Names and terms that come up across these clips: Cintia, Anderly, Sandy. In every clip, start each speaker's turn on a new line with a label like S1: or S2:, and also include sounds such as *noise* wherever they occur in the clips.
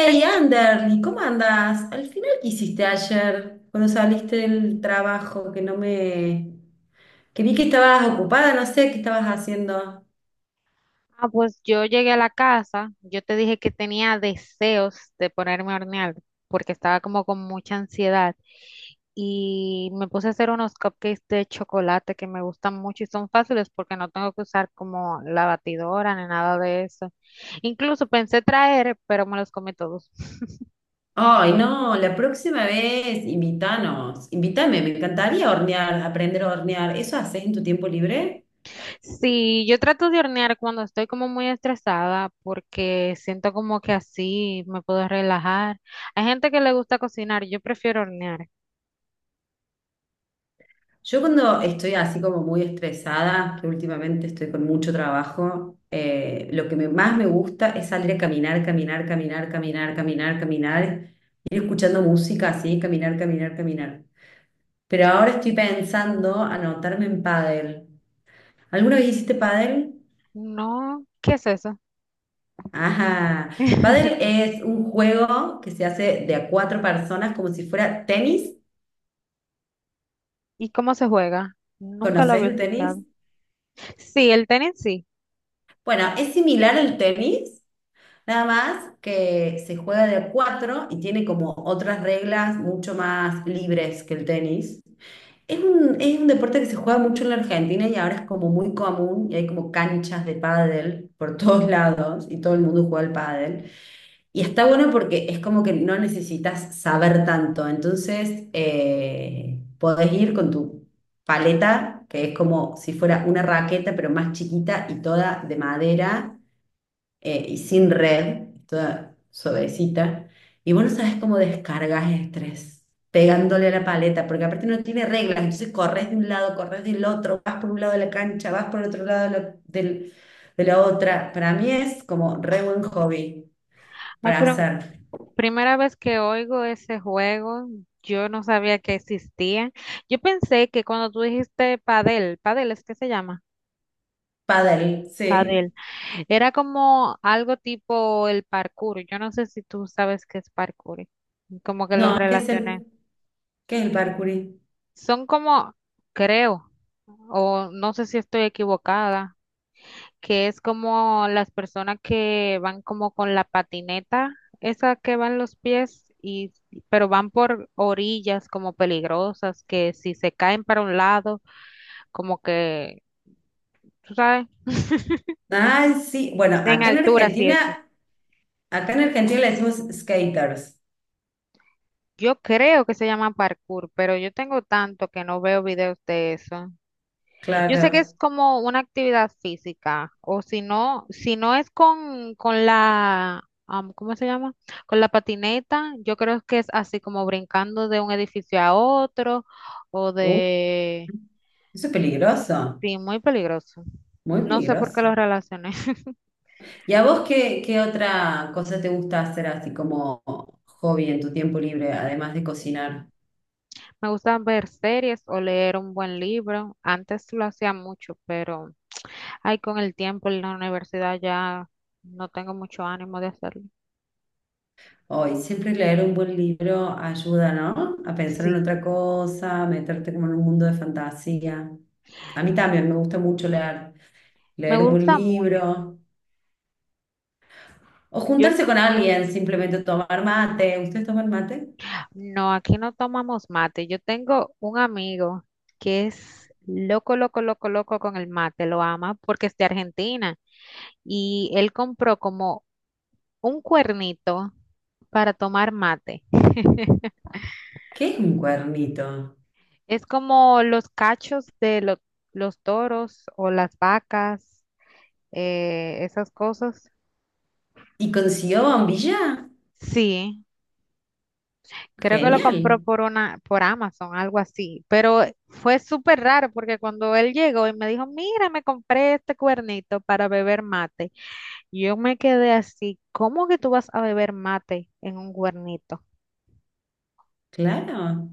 S1: Entonces.
S2: Anderly, ¿cómo andás? Al final, ¿qué hiciste ayer cuando saliste del trabajo? Que no me... Que vi que estabas ocupada, no sé qué estabas haciendo.
S1: Ah, pues yo llegué a la casa, yo te dije que tenía deseos de ponerme a hornear porque estaba como con mucha ansiedad y me puse a hacer unos cupcakes de chocolate que me gustan mucho y son fáciles porque no tengo que usar como la batidora ni nada de eso. Incluso pensé traer, pero me los comí todos.
S2: Ay, no, la próxima vez, invítanos, invítame, me encantaría hornear, aprender a hornear. ¿Eso haces en tu tiempo libre?
S1: Sí, yo trato de hornear cuando estoy como muy estresada porque siento como que así me puedo relajar. Hay gente que le gusta cocinar, yo prefiero hornear.
S2: Yo cuando estoy así como muy estresada, que últimamente estoy con mucho trabajo, lo que más me gusta es salir a caminar, caminar, caminar, caminar, caminar, caminar, ir escuchando música así, caminar, caminar, caminar. Pero ahora estoy pensando anotarme en pádel. ¿Alguna vez hiciste pádel?
S1: No, ¿qué es eso?
S2: Ajá. Pádel
S1: *laughs*
S2: es un juego que se hace de a cuatro personas como si fuera tenis.
S1: ¿Y cómo se juega? Nunca lo
S2: ¿Conoces
S1: había
S2: el tenis?
S1: escuchado. Sí, el tenis sí.
S2: Bueno, es similar al tenis. Nada más que se juega de a cuatro y tiene como otras reglas mucho más libres que el tenis. Es un deporte que se juega mucho en la Argentina y ahora es como muy común y hay como canchas de pádel por *laughs* todos lados y todo el mundo juega al pádel. Y está bueno porque es como que no necesitas saber tanto, entonces podés ir con tu paleta, que es como si fuera una raqueta pero más chiquita y toda de madera, y sin red, toda suavecita. Y vos no sabes cómo descargas estrés, pegándole a la paleta, porque aparte no tiene reglas, entonces corres de un lado, corres del otro, vas por un lado de la cancha, vas por el otro lado de de la otra. Para mí es como re buen hobby
S1: Ay,
S2: para
S1: pero
S2: hacer.
S1: primera vez que oigo ese juego, yo no sabía que existía. Yo pensé que cuando tú dijiste padel, padel es que se llama,
S2: Paddle, sí.
S1: padel, era como algo tipo el parkour. Yo no sé si tú sabes qué es parkour, como que lo
S2: No, ¿qué es
S1: relacioné.
S2: qué es el parkour?
S1: Son como, creo, o no sé si estoy equivocada. Que es como las personas que van como con la patineta, esa que van los pies y pero van por orillas como peligrosas, que si se caen para un lado, como que, tú sabes,
S2: Ay, sí.
S1: en altura sí eso.
S2: Acá en Argentina le decimos skaters,
S1: Yo creo que se llama parkour, pero yo tengo tanto que no veo videos de eso. Yo sé que es
S2: claro.
S1: como una actividad física, o si no, si no es con la, ¿cómo se llama? Con la patineta, yo creo que es así como brincando de un edificio a otro, o de,
S2: Eso es peligroso,
S1: sí, muy peligroso.
S2: muy
S1: No sé por qué
S2: peligroso.
S1: lo relacioné. *laughs*
S2: ¿Y a vos qué, qué otra cosa te gusta hacer así como hobby en tu tiempo libre, además de cocinar?
S1: Me gusta ver series o leer un buen libro. Antes lo hacía mucho, pero, ay, con el tiempo en la universidad ya no tengo mucho ánimo de hacerlo.
S2: Hoy, siempre leer un buen libro ayuda, ¿no? A pensar en
S1: Sí,
S2: otra cosa, meterte como en un mundo de fantasía. A mí también me gusta mucho leer,
S1: me
S2: leer un buen
S1: gusta mucho.
S2: libro o
S1: Yo
S2: juntarse con alguien, simplemente tomar mate. ¿Ustedes toman mate?
S1: no, aquí no tomamos mate. Yo tengo un amigo que es loco, loco, loco, loco con el mate, lo ama porque es de Argentina y él compró como un cuernito para tomar mate.
S2: ¿Qué es un cuernito?
S1: Es como los cachos de los toros o las vacas, esas cosas.
S2: ¿Y consiguió bombilla?
S1: Sí. Creo que lo compró
S2: Genial.
S1: por una, por Amazon, algo así. Pero fue súper raro porque cuando él llegó y me dijo, mira, me compré este cuernito para beber mate. Y yo me quedé así, ¿cómo que tú vas a beber mate en un cuernito?
S2: Claro.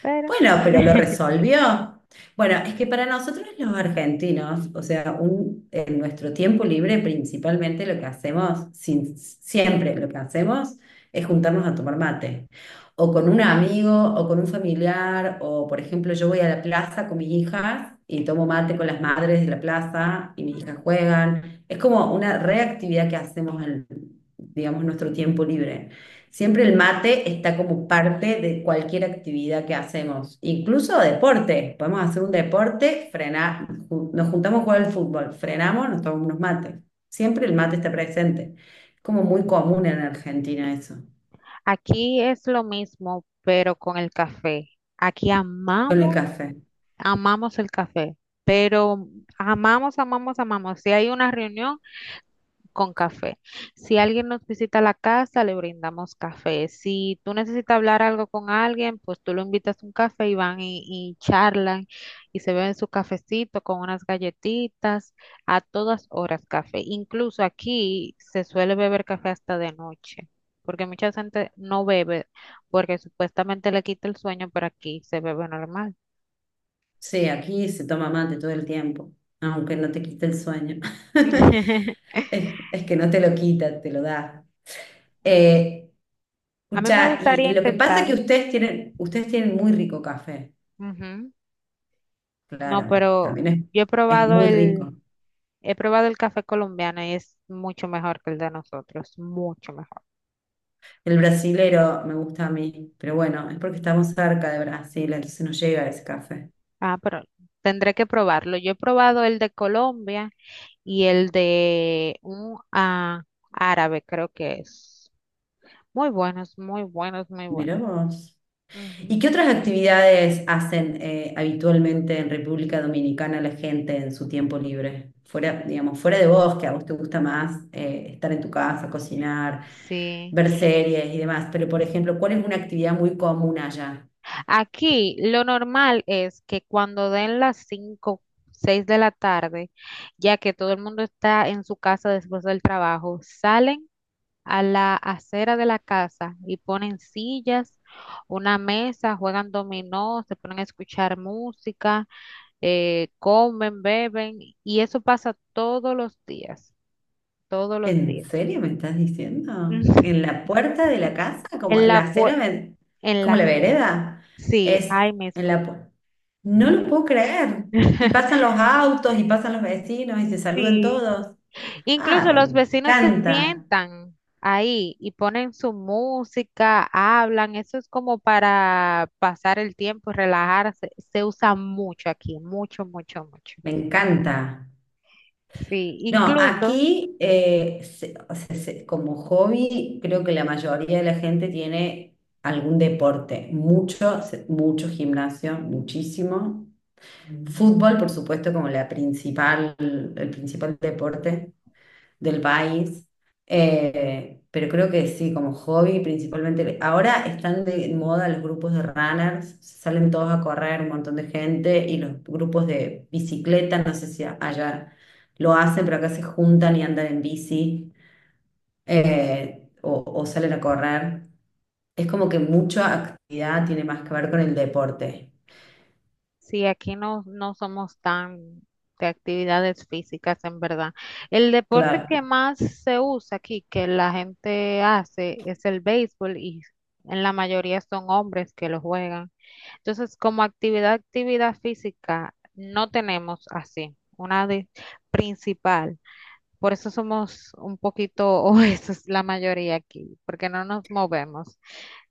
S1: Pero
S2: Bueno, pero lo
S1: *laughs*
S2: resolvió. Bueno, es que para nosotros los argentinos, o sea, en nuestro tiempo libre principalmente lo que hacemos, siempre lo que hacemos es juntarnos a tomar mate, o con un amigo, o con un familiar, o por ejemplo yo voy a la plaza con mis hijas y tomo mate con las madres de la plaza y mis hijas juegan. Es como una reactividad que hacemos en, digamos, nuestro tiempo libre. Siempre el mate está como parte de cualquier actividad que hacemos, incluso deporte. Podemos hacer un deporte, frenar, nos juntamos a jugar al fútbol, frenamos, nos tomamos unos mates. Siempre el mate está presente. Es como muy común en Argentina eso,
S1: aquí es lo mismo, pero con el café. Aquí
S2: con el
S1: amamos,
S2: café.
S1: amamos el café. Pero amamos, amamos, amamos. Si hay una reunión, con café. Si alguien nos visita a la casa, le brindamos café. Si tú necesitas hablar algo con alguien, pues tú lo invitas a un café y van y charlan y se beben su cafecito con unas galletitas, a todas horas café. Incluso aquí se suele beber café hasta de noche, porque mucha gente no bebe porque supuestamente le quita el sueño, pero aquí se bebe normal.
S2: Sí, aquí se toma mate todo el tiempo, aunque no te quite el sueño. *laughs*
S1: *laughs*
S2: Es que no te lo quita, te lo da. Eh,
S1: A mí me
S2: escucha, y
S1: gustaría
S2: lo que pasa es
S1: intentar.
S2: que ustedes tienen muy rico café.
S1: Ujú. No,
S2: Claro,
S1: pero
S2: también
S1: yo he
S2: es
S1: probado
S2: muy
S1: el...
S2: rico.
S1: He probado el café colombiano y es mucho mejor que el de nosotros, mucho mejor.
S2: El brasilero me gusta a mí, pero bueno, es porque estamos cerca de Brasil, entonces nos llega ese café.
S1: Ah, pero tendré que probarlo. Yo he probado el de Colombia y el de un árabe, creo que es. Muy buenos, muy buenos, muy buenos.
S2: Mirá vos. ¿Y
S1: Ujú.
S2: qué otras actividades hacen habitualmente en República Dominicana la gente en su tiempo libre? Fuera, digamos, fuera de vos, que a vos te gusta más estar en tu casa, cocinar,
S1: Sí.
S2: ver series y demás, pero por ejemplo, ¿cuál es una actividad muy común allá?
S1: Aquí lo normal es que cuando den las 5, 6 de la tarde, ya que todo el mundo está en su casa después del trabajo, salen a la acera de la casa y ponen sillas, una mesa, juegan dominó, se ponen a escuchar música, comen, beben y eso pasa todos los días, todos los
S2: ¿En
S1: días.
S2: serio me estás diciendo? ¿En
S1: *laughs*
S2: la puerta de la casa? ¿Como
S1: En
S2: en
S1: la,
S2: la acera?
S1: en la
S2: ¿Como la
S1: acera.
S2: vereda?
S1: Sí,
S2: Es
S1: ahí
S2: en
S1: mismo.
S2: la pu- No lo puedo creer. Y pasan
S1: *laughs*
S2: los autos y pasan los vecinos y se saludan
S1: Sí.
S2: todos. Ah,
S1: Incluso
S2: me
S1: los vecinos se
S2: encanta.
S1: sientan ahí y ponen su música, hablan, eso es como para pasar el tiempo, relajarse. Se usa mucho aquí, mucho, mucho, mucho.
S2: Me encanta.
S1: Sí,
S2: No,
S1: incluso
S2: aquí, o sea, como hobby, creo que la mayoría de la gente tiene algún deporte, mucho, mucho gimnasio, muchísimo. Fútbol, por supuesto, como la principal, el principal deporte del país. Pero creo que sí, como hobby principalmente. Ahora están de moda los grupos de runners, salen todos a correr, un montón de gente, y los grupos de bicicleta, no sé si allá lo hacen, pero acá se juntan y andan en bici, o salen a correr. Es como que mucha actividad tiene más que ver con el deporte.
S1: si aquí no, no somos tan de actividades físicas, en verdad. El deporte
S2: Claro.
S1: que más se usa aquí, que la gente hace, es el béisbol y en la mayoría son hombres que lo juegan. Entonces, como actividad, actividad física, no tenemos así principal. Por eso somos un poquito, *laughs* o eso es la mayoría aquí, porque no nos movemos.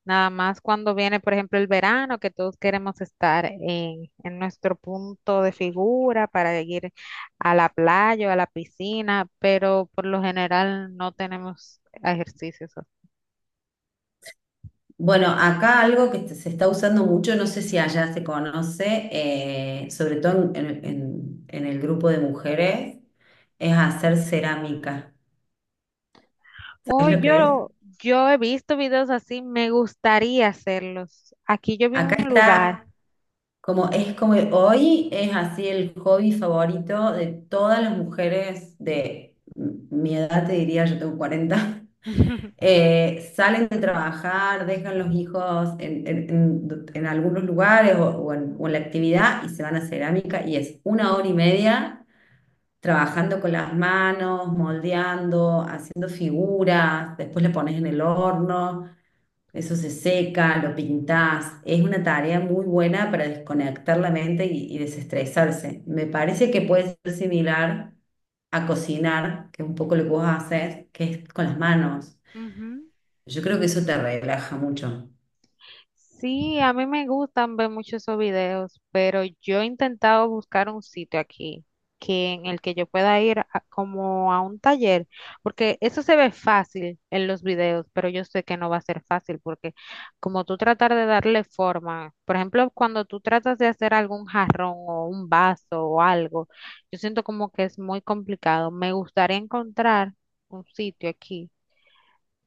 S1: Nada más cuando viene, por ejemplo, el verano, que todos queremos estar en nuestro punto de figura para ir a la playa o a la piscina, pero por lo general no tenemos ejercicios.
S2: Bueno, acá algo que se está usando mucho, no sé si allá se conoce, sobre todo en, en el grupo de mujeres, es hacer cerámica.
S1: Oh,
S2: ¿Sabes lo que es?
S1: yo he visto videos así, me gustaría hacerlos. Aquí yo vi
S2: Acá
S1: un lugar.
S2: está. Como es como que hoy es así el hobby favorito de todas las mujeres de mi edad, te diría, yo tengo cuarenta. *laughs*
S1: *laughs*
S2: Eh, salen de trabajar, dejan los hijos en, en algunos lugares o, o en la actividad y se van a cerámica y es una hora y media trabajando con las manos, moldeando, haciendo figuras, después le pones en el horno. Eso se seca, lo pintás. Es una tarea muy buena para desconectar la mente y desestresarse. Me parece que puede ser similar a cocinar, que es un poco lo que vos haces, que es con las manos.
S1: Ujú.
S2: Yo creo que eso te relaja mucho.
S1: Sí, a mí me gustan ver muchos esos videos, pero yo he intentado buscar un sitio aquí que en el que yo pueda ir como a un taller, porque eso se ve fácil en los videos, pero yo sé que no va a ser fácil porque como tú tratar de darle forma, por ejemplo, cuando tú tratas de hacer algún jarrón o un vaso o algo, yo siento como que es muy complicado. Me gustaría encontrar un sitio aquí,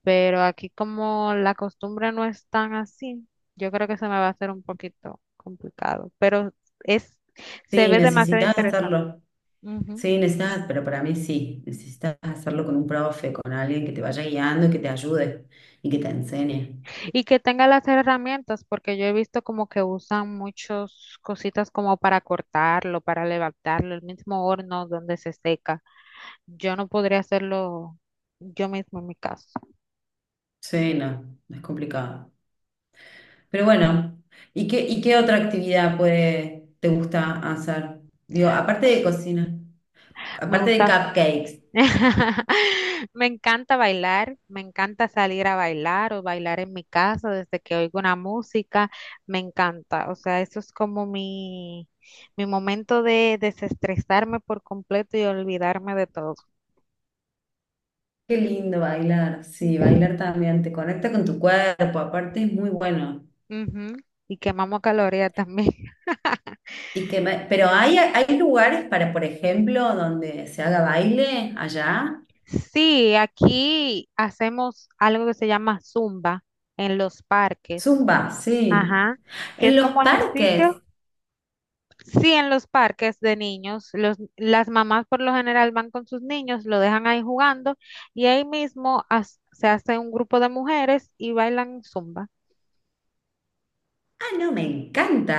S1: pero aquí como la costumbre no es tan así, yo creo que se me va a hacer un poquito complicado, pero es, se
S2: Sí,
S1: ve demasiado
S2: necesitas
S1: interesante.
S2: hacerlo.
S1: Ujú.
S2: Sí, necesitas, pero para mí sí. Necesitas hacerlo con un profe, con alguien que te vaya guiando y que te ayude y que te enseñe.
S1: Y que tenga las herramientas, porque yo he visto como que usan muchas cositas como para cortarlo, para levantarlo, el mismo horno donde se seca. Yo no podría hacerlo yo mismo en mi caso.
S2: Sí, no, no es complicado. Pero bueno, y qué otra actividad puede, te gusta hacer? Digo, aparte de cocina,
S1: Me
S2: aparte de
S1: gusta
S2: cupcakes.
S1: *laughs* me encanta bailar, me encanta salir a bailar o bailar en mi casa desde que oigo una música, me encanta. O sea, eso es como mi momento de desestresarme por completo y olvidarme de todo.
S2: Qué lindo bailar. Sí, bailar también te conecta con tu cuerpo, aparte es muy bueno.
S1: Ujú. Y quemamos calorías también. *laughs*
S2: Pero hay lugares para, por ejemplo, donde se haga baile allá.
S1: Sí, aquí hacemos algo que se llama zumba en los parques.
S2: Zumba, sí.
S1: Ajá, que
S2: En
S1: es
S2: los
S1: como ejercicio.
S2: parques.
S1: Sí, en los parques de niños, los, las mamás por lo general van con sus niños, lo dejan ahí jugando y ahí mismo se hace un grupo de mujeres y bailan zumba.
S2: Ah, no, me encanta.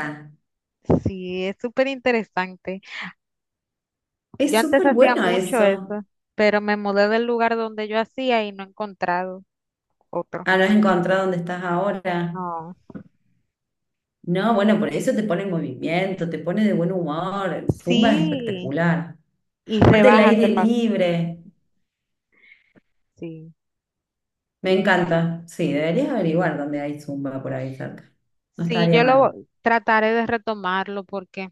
S1: Sí, es súper interesante. Yo
S2: Es
S1: antes
S2: súper
S1: hacía
S2: bueno
S1: mucho
S2: eso.
S1: eso, pero me mudé del lugar donde yo hacía y no he encontrado otro.
S2: Ah, no has encontrado dónde estás ahora.
S1: No.
S2: No, bueno, por eso te pone en movimiento, te pone de buen humor. El Zumba es
S1: Sí,
S2: espectacular.
S1: y
S2: Aparte el
S1: rebaja
S2: aire
S1: este paso.
S2: libre.
S1: Sí.
S2: Me encanta. Sí, deberías averiguar dónde hay Zumba por ahí cerca. No
S1: Sí,
S2: estaría
S1: yo lo
S2: mal.
S1: trataré de retomarlo porque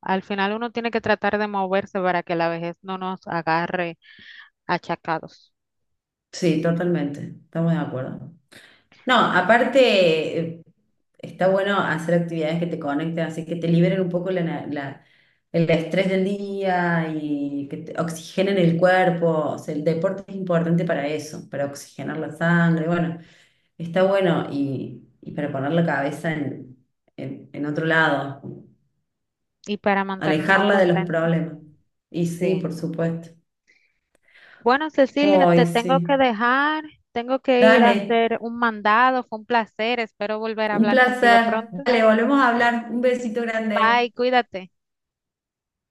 S1: al final uno tiene que tratar de moverse para que la vejez no nos agarre achacados.
S2: Sí, totalmente. Estamos de acuerdo. No, aparte, está bueno hacer actividades que te conecten, así que te liberen un poco el estrés del día y que te oxigenen el cuerpo. O sea, el deporte es importante para eso, para oxigenar la sangre. Bueno, está bueno y para poner la cabeza en, en otro lado,
S1: Y para mantenernos
S2: alejarla de los
S1: contentos,
S2: problemas. Y sí,
S1: sí.
S2: por supuesto.
S1: Bueno, Cecilia, te
S2: Ay,
S1: tengo que
S2: sí.
S1: dejar, tengo que ir a
S2: Dale,
S1: hacer un mandado, fue un placer, espero volver a
S2: un
S1: hablar contigo
S2: placer.
S1: pronto.
S2: Dale, volvemos a hablar. Un besito grande.
S1: Bye, cuídate.